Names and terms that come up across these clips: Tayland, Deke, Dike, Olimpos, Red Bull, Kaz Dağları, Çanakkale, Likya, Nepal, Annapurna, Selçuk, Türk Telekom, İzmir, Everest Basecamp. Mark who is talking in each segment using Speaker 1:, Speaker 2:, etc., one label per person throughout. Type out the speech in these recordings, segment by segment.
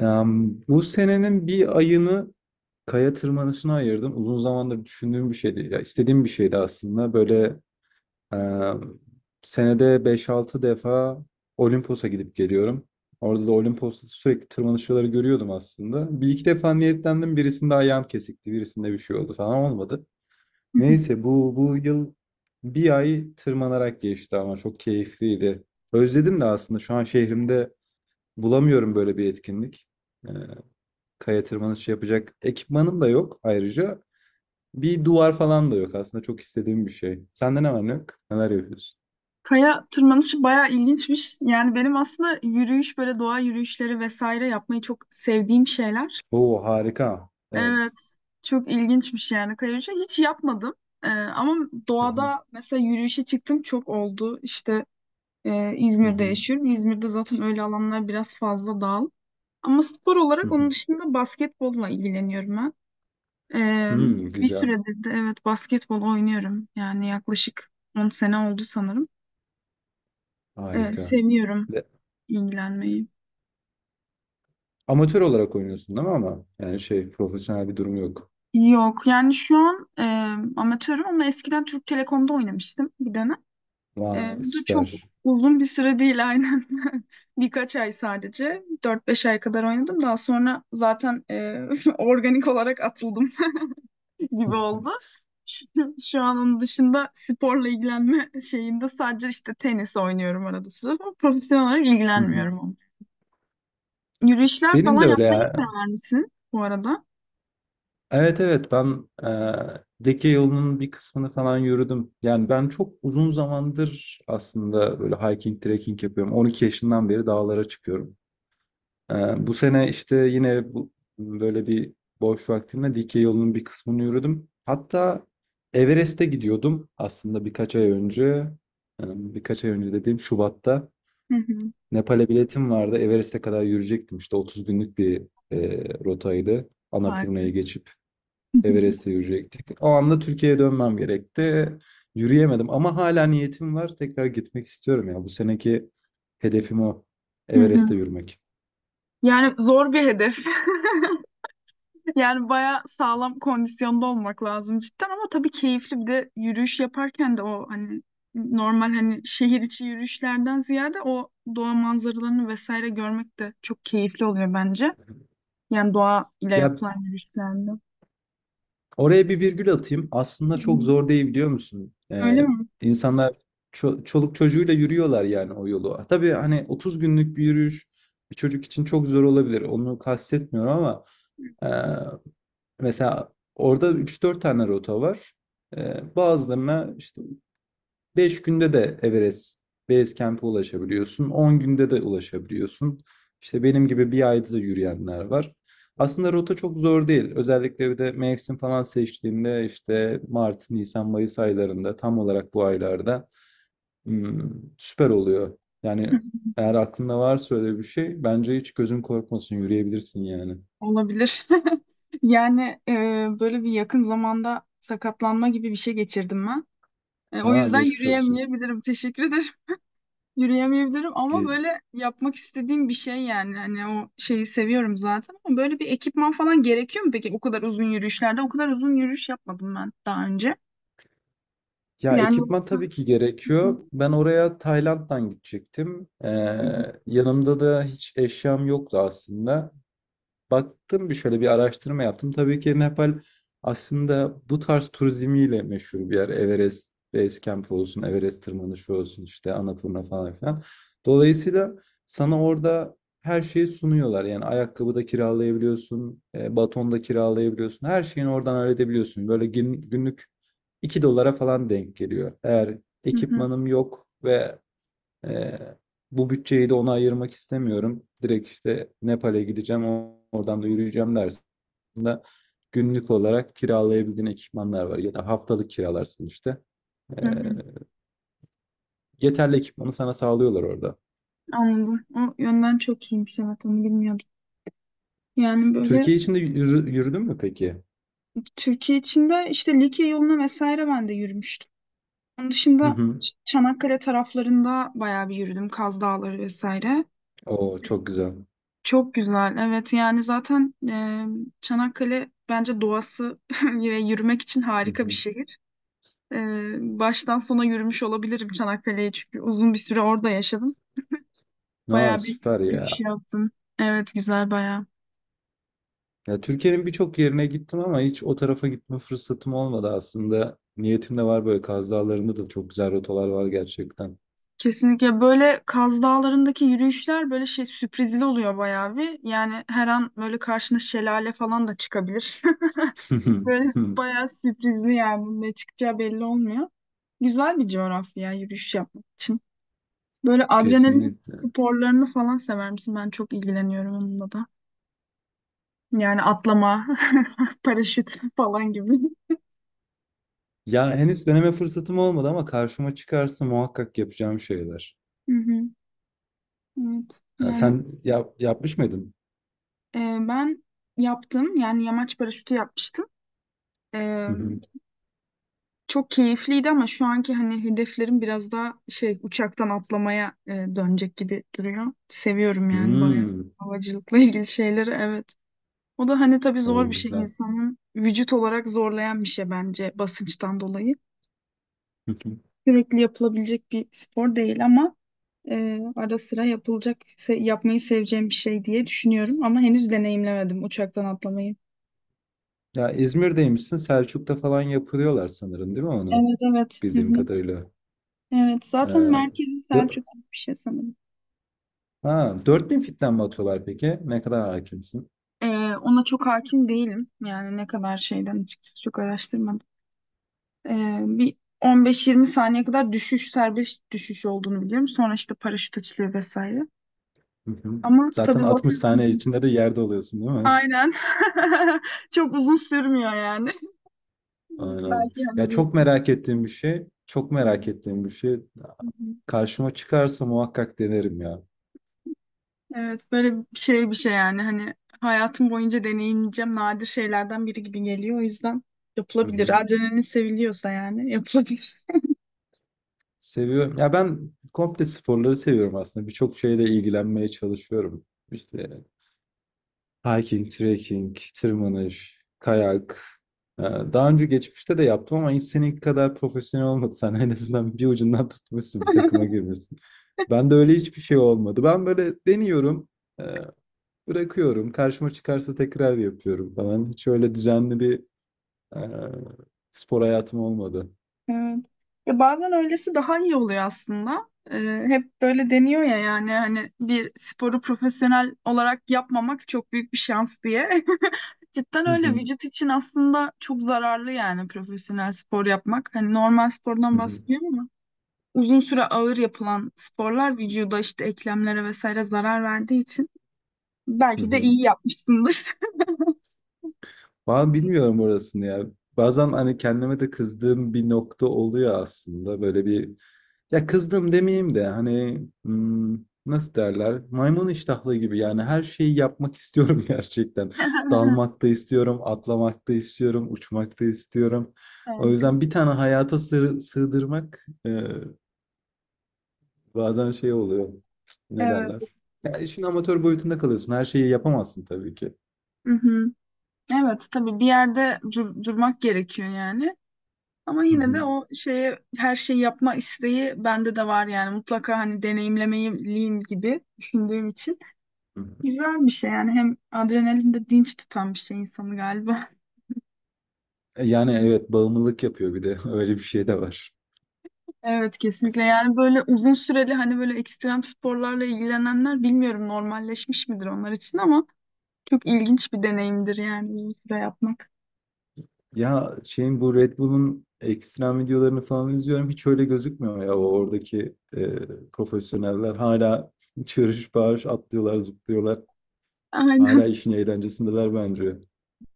Speaker 1: Bu senenin bir ayını kaya tırmanışına ayırdım. Uzun zamandır düşündüğüm bir şeydi. Ya istediğim bir şeydi aslında. Böyle em, senede 5-6 defa Olimpos'a gidip geliyorum. Orada da Olimpos'ta sürekli tırmanışçıları görüyordum aslında. Bir iki defa niyetlendim. Birisinde ayağım kesikti, birisinde bir şey oldu falan olmadı.
Speaker 2: Hı hı.
Speaker 1: Neyse bu yıl bir ay tırmanarak geçti ama çok keyifliydi. Özledim de aslında şu an şehrimde bulamıyorum böyle bir etkinlik, kaya tırmanışı yapacak ekipmanım da yok ayrıca. Bir duvar falan da yok, aslında çok istediğim bir şey. Sende ne var ne yok? Neler yapıyorsun?
Speaker 2: Kaya tırmanışı bayağı ilginçmiş. Yani benim aslında yürüyüş böyle doğa yürüyüşleri vesaire yapmayı çok sevdiğim şeyler.
Speaker 1: Oo, harika.
Speaker 2: Evet,
Speaker 1: Evet.
Speaker 2: çok ilginçmiş yani kaya yürüyüşü. Hiç yapmadım. Ama
Speaker 1: Hı hı,
Speaker 2: doğada mesela yürüyüşe çıktım çok oldu. İşte
Speaker 1: hı
Speaker 2: İzmir'de
Speaker 1: hı,
Speaker 2: yaşıyorum. İzmir'de zaten öyle alanlar biraz fazla dağıl. Ama spor
Speaker 1: hı
Speaker 2: olarak
Speaker 1: hı.
Speaker 2: onun dışında basketbolla ilgileniyorum ben. Ee,
Speaker 1: Hmm,
Speaker 2: bir
Speaker 1: güzel.
Speaker 2: süredir de evet basketbol oynuyorum. Yani yaklaşık 10 sene oldu sanırım.
Speaker 1: Harika.
Speaker 2: Seviyorum
Speaker 1: De-
Speaker 2: ilgilenmeyi.
Speaker 1: amatör olarak oynuyorsun değil mi ama? Yani şey, profesyonel bir durum yok.
Speaker 2: Yok yani şu an amatörüm ama eskiden Türk Telekom'da oynamıştım bir dönem.
Speaker 1: Vay,
Speaker 2: Bu da çok
Speaker 1: süper.
Speaker 2: uzun bir süre değil aynen. Birkaç ay sadece. 4-5 ay kadar oynadım. Daha sonra zaten organik olarak atıldım gibi oldu. Şu an onun dışında sporla ilgilenme şeyinde sadece işte tenis oynuyorum arada sırada. Profesyonel olarak
Speaker 1: Hı hı.
Speaker 2: ilgilenmiyorum ama. Yürüyüşler
Speaker 1: Benim
Speaker 2: falan
Speaker 1: de öyle
Speaker 2: yapmayı
Speaker 1: ya.
Speaker 2: sever misin bu arada?
Speaker 1: Evet evet ben Deke yolunun bir kısmını falan yürüdüm. Yani ben çok uzun zamandır aslında böyle hiking, trekking yapıyorum. 12 yaşından beri dağlara çıkıyorum. Bu sene işte yine bu, böyle bir boş vaktimle Dike yolunun bir kısmını yürüdüm. Hatta Everest'e gidiyordum aslında birkaç ay önce. Birkaç ay önce dediğim Şubat'ta.
Speaker 2: Hı hı.
Speaker 1: Nepal'e biletim vardı. Everest'e kadar yürüyecektim. İşte 30 günlük bir rotaydı.
Speaker 2: Harika.
Speaker 1: Annapurna'yı geçip Everest'e yürüyecektik. O anda Türkiye'ye dönmem gerekti. Yürüyemedim ama hala niyetim var. Tekrar gitmek istiyorum ya. Bu seneki hedefim o: Everest'e yürümek.
Speaker 2: Yani zor bir hedef. Yani bayağı sağlam kondisyonda olmak lazım cidden ama tabii keyifli bir de yürüyüş yaparken de o hani normal hani şehir içi yürüyüşlerden ziyade o doğa manzaralarını vesaire görmek de çok keyifli oluyor bence. Yani doğa ile
Speaker 1: Ya,
Speaker 2: yapılan yürüyüşlerde.
Speaker 1: oraya bir virgül atayım. Aslında
Speaker 2: Hı
Speaker 1: çok
Speaker 2: hı.
Speaker 1: zor değil, biliyor musun?
Speaker 2: Öyle mi?
Speaker 1: İnsanlar çoluk çocuğuyla yürüyorlar yani o yolu. Ha, tabii hani 30 günlük bir yürüyüş bir çocuk için çok zor olabilir. Onu kastetmiyorum ama e, mesela orada üç dört tane rota var. Bazılarına işte 5 günde de Everest Basecamp'e ulaşabiliyorsun. 10 günde de ulaşabiliyorsun. İşte benim gibi bir ayda da yürüyenler var. Aslında rota çok zor değil. Özellikle bir de mevsim falan seçtiğinde, işte Mart, Nisan, Mayıs aylarında, tam olarak bu aylarda hmm, süper oluyor. Yani eğer aklında varsa öyle bir şey, bence hiç gözün korkmasın, yürüyebilirsin yani.
Speaker 2: Olabilir. Yani böyle bir yakın zamanda sakatlanma gibi bir şey geçirdim ben. O
Speaker 1: Ha,
Speaker 2: yüzden
Speaker 1: geçmiş olsun.
Speaker 2: yürüyemeyebilirim. Teşekkür ederim. Yürüyemeyebilirim ama
Speaker 1: Ge-
Speaker 2: böyle yapmak istediğim bir şey yani. Hani o şeyi seviyorum zaten ama böyle bir ekipman falan gerekiyor mu peki o kadar uzun yürüyüşlerde? O kadar uzun yürüyüş yapmadım ben daha önce.
Speaker 1: Ya,
Speaker 2: Yani.
Speaker 1: ekipman tabii ki gerekiyor. Ben oraya Tayland'dan gidecektim. Yanımda da hiç eşyam yoktu aslında, baktım, bir şöyle bir araştırma yaptım. Tabii ki Nepal aslında bu tarz turizmiyle meşhur bir yer. Everest Base Camp olsun, Everest tırmanışı olsun, işte Annapurna falan filan. Dolayısıyla sana orada her şeyi sunuyorlar. Yani ayakkabı da kiralayabiliyorsun, baton da kiralayabiliyorsun. Her şeyini oradan halledebiliyorsun. Böyle günlük 2 dolara falan denk geliyor. Eğer
Speaker 2: Hı hı,
Speaker 1: ekipmanım yok ve ee, bu bütçeyi de ona ayırmak istemiyorum, direkt işte Nepal'e gideceğim, oradan da yürüyeceğim dersin. Aslında günlük olarak kiralayabildiğin ekipmanlar var, ya da haftalık kiralarsın işte.
Speaker 2: hı hı.
Speaker 1: Ee, yeterli ekipmanı sana sağlıyorlar orada.
Speaker 2: Anladım. O yönden çok iyiymiş, evet, onu bilmiyordum. Yani böyle
Speaker 1: Türkiye içinde yürüdün mü peki?
Speaker 2: Türkiye içinde işte Likya yoluna vesaire ben de yürümüştüm. Onun
Speaker 1: Hı
Speaker 2: dışında
Speaker 1: hı.
Speaker 2: Çanakkale taraflarında bayağı bir yürüdüm. Kaz Dağları vesaire.
Speaker 1: Oo, çok güzel.
Speaker 2: Çok güzel. Evet yani zaten Çanakkale bence doğası ve yürümek için
Speaker 1: Hı
Speaker 2: harika bir
Speaker 1: hı.
Speaker 2: şehir. E, baştan sona yürümüş olabilirim Çanakkale'yi çünkü uzun bir süre orada yaşadım.
Speaker 1: Aa,
Speaker 2: Bayağı bir
Speaker 1: süper
Speaker 2: yürüyüş
Speaker 1: ya.
Speaker 2: yaptım. Evet, güzel bayağı.
Speaker 1: Ya, Türkiye'nin birçok yerine gittim ama hiç o tarafa gitme fırsatım olmadı aslında. Niyetim de var, böyle Kaz Dağları'nda da çok güzel rotalar var gerçekten.
Speaker 2: Kesinlikle böyle Kaz Dağları'ndaki yürüyüşler böyle şey sürprizli oluyor bayağı bir. Yani her an böyle karşına şelale falan da çıkabilir. Böyle bayağı sürprizli yani ne çıkacağı belli olmuyor. Güzel bir coğrafya yürüyüş yapmak için. Böyle adrenalin
Speaker 1: Kesinlikle.
Speaker 2: sporlarını falan sever misin? Ben çok ilgileniyorum onunla da. Yani atlama, paraşüt falan gibi.
Speaker 1: Ya henüz deneme fırsatım olmadı ama karşıma çıkarsa muhakkak yapacağım şeyler.
Speaker 2: Hı hı, evet.
Speaker 1: Ha,
Speaker 2: Yani
Speaker 1: sen yap, yapmış mıydın?
Speaker 2: e, ben yaptım. Yani yamaç paraşütü yapmıştım. E,
Speaker 1: Hı hı.
Speaker 2: çok keyifliydi ama şu anki hani hedeflerim biraz daha şey uçaktan atlamaya dönecek gibi duruyor. Seviyorum yani bayağı
Speaker 1: Hmm,
Speaker 2: havacılıkla ilgili şeyleri. Evet. O da hani tabii
Speaker 1: o
Speaker 2: zor bir şey
Speaker 1: güzel.
Speaker 2: insanın vücut olarak zorlayan bir şey bence basınçtan dolayı.
Speaker 1: Hı hı.
Speaker 2: Sürekli yapılabilecek bir spor değil ama ara sıra yapılacak, yapmayı seveceğim bir şey diye düşünüyorum ama henüz deneyimlemedim uçaktan atlamayı.
Speaker 1: Ya, İzmir'deymişsin. Selçuk'ta falan yapıyorlar sanırım, değil mi onu?
Speaker 2: Evet evet. Hı
Speaker 1: Bildiğim
Speaker 2: hı.
Speaker 1: kadarıyla.
Speaker 2: Evet
Speaker 1: Ee,
Speaker 2: zaten merkezi
Speaker 1: dö-
Speaker 2: Selçuk gibi bir şey sanırım.
Speaker 1: ha, 4.000 fitten mi atıyorlar peki? Ne kadar hakimsin?
Speaker 2: Ee, ona çok hakim değilim. Yani ne kadar şeyden açıkçası çok araştırmadım. Bir 15-20 saniye kadar düşüş serbest düşüş olduğunu biliyorum. Sonra işte paraşüt açılıyor vesaire.
Speaker 1: Hı hı.
Speaker 2: Ama tabii
Speaker 1: Zaten 60
Speaker 2: zaten
Speaker 1: saniye içinde de yerde oluyorsun, değil mi?
Speaker 2: aynen çok uzun sürmüyor yani.
Speaker 1: Aynen.
Speaker 2: Belki
Speaker 1: Ya,
Speaker 2: hani bir...
Speaker 1: çok merak ettiğim bir şey. Çok
Speaker 2: Hı
Speaker 1: merak ettiğim bir şey.
Speaker 2: hı.
Speaker 1: Karşıma çıkarsa muhakkak denerim ya.
Speaker 2: Evet böyle bir şey bir şey yani hani hayatım boyunca deneyimleyeceğim nadir şeylerden biri gibi geliyor. O yüzden
Speaker 1: Hı
Speaker 2: yapılabilir.
Speaker 1: hı.
Speaker 2: Adrenalin seviliyorsa yani yapılabilir.
Speaker 1: Seviyorum. Ya ben komple sporları seviyorum aslında. Birçok şeyle ilgilenmeye çalışıyorum. İşte hiking, trekking, tırmanış, kayak. Daha önce geçmişte de yaptım ama hiç seninki kadar profesyonel olmadı. Sen en azından bir ucundan tutmuşsun, bir takıma girmişsin. Ben de öyle, hiçbir şey olmadı. Ben böyle deniyorum, e, bırakıyorum. Karşıma çıkarsa tekrar yapıyorum falan. Hiç öyle düzenli bir e, spor hayatım olmadı.
Speaker 2: Evet. Ya bazen öylesi daha iyi oluyor aslında. Hep böyle deniyor ya yani hani bir sporu profesyonel olarak yapmamak çok büyük bir şans diye. Cidden öyle vücut için aslında çok zararlı yani profesyonel spor yapmak. Hani normal
Speaker 1: Hı
Speaker 2: spordan
Speaker 1: hı.
Speaker 2: bahsediyorum ama uzun süre ağır yapılan sporlar vücuda işte eklemlere vesaire zarar verdiği için
Speaker 1: Hı
Speaker 2: belki de
Speaker 1: hı.
Speaker 2: iyi yapmışsındır.
Speaker 1: Ben bilmiyorum orasını ya. Bazen hani kendime de kızdığım bir nokta oluyor aslında. Böyle bir, ya kızdım demeyeyim de hani, nasıl derler? Maymun iştahlı gibi, yani her şeyi yapmak istiyorum gerçekten. Dalmak da istiyorum, atlamak da istiyorum, uçmak da istiyorum. O
Speaker 2: Harika.
Speaker 1: yüzden bir tane hayata sığdırmak, bazen şey oluyor. Ne
Speaker 2: Evet.
Speaker 1: derler? Ya işin amatör boyutunda kalıyorsun. Her şeyi yapamazsın tabii ki.
Speaker 2: Hı hı. Evet tabii bir yerde durmak gerekiyor yani. Ama
Speaker 1: Hı
Speaker 2: yine de
Speaker 1: hı.
Speaker 2: o şeye her şeyi yapma isteği bende de var yani mutlaka hani deneyimlemeliyim gibi düşündüğüm için.
Speaker 1: Hı.
Speaker 2: Güzel bir şey yani hem adrenalin de dinç tutan bir şey insanı galiba.
Speaker 1: Yani evet, bağımlılık yapıyor bir de. Öyle bir şey de var.
Speaker 2: Evet kesinlikle yani böyle uzun süreli hani böyle ekstrem sporlarla ilgilenenler bilmiyorum normalleşmiş midir onlar için ama çok ilginç bir deneyimdir yani uzun süre yapmak.
Speaker 1: Ya, şeyin, bu Red Bull'un ekstrem videolarını falan izliyorum. Hiç öyle gözükmüyor ya, o oradaki profesyoneller. Hala çığırış bağırış atlıyorlar, zıplıyorlar. Hala
Speaker 2: Aynen.
Speaker 1: işin eğlencesindeler bence.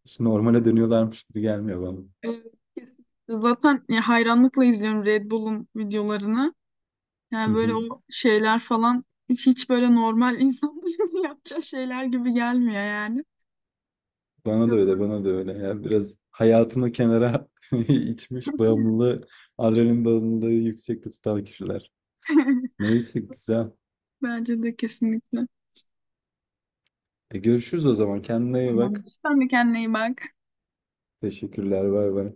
Speaker 1: Hiç normale dönüyorlarmış gibi gelmiyor bana.
Speaker 2: Evet, kesinlikle. Zaten ya hayranlıkla izliyorum Red Bull'un videolarını.
Speaker 1: Hı
Speaker 2: Yani böyle
Speaker 1: hı.
Speaker 2: o şeyler falan hiç, hiç böyle normal insanların yapacağı şeyler gibi gelmiyor yani.
Speaker 1: Bana da
Speaker 2: Çok.
Speaker 1: öyle, bana da öyle. Ya biraz hayatını kenara itmiş, bağımlılığı, adrenalin bağımlılığı yüksekte tutan kişiler. Neyse, güzel.
Speaker 2: Bence de kesinlikle.
Speaker 1: Görüşürüz o zaman. Kendine iyi
Speaker 2: Tamam.
Speaker 1: bak.
Speaker 2: Sen de kendine iyi bak.
Speaker 1: Teşekkürler. Bay bay.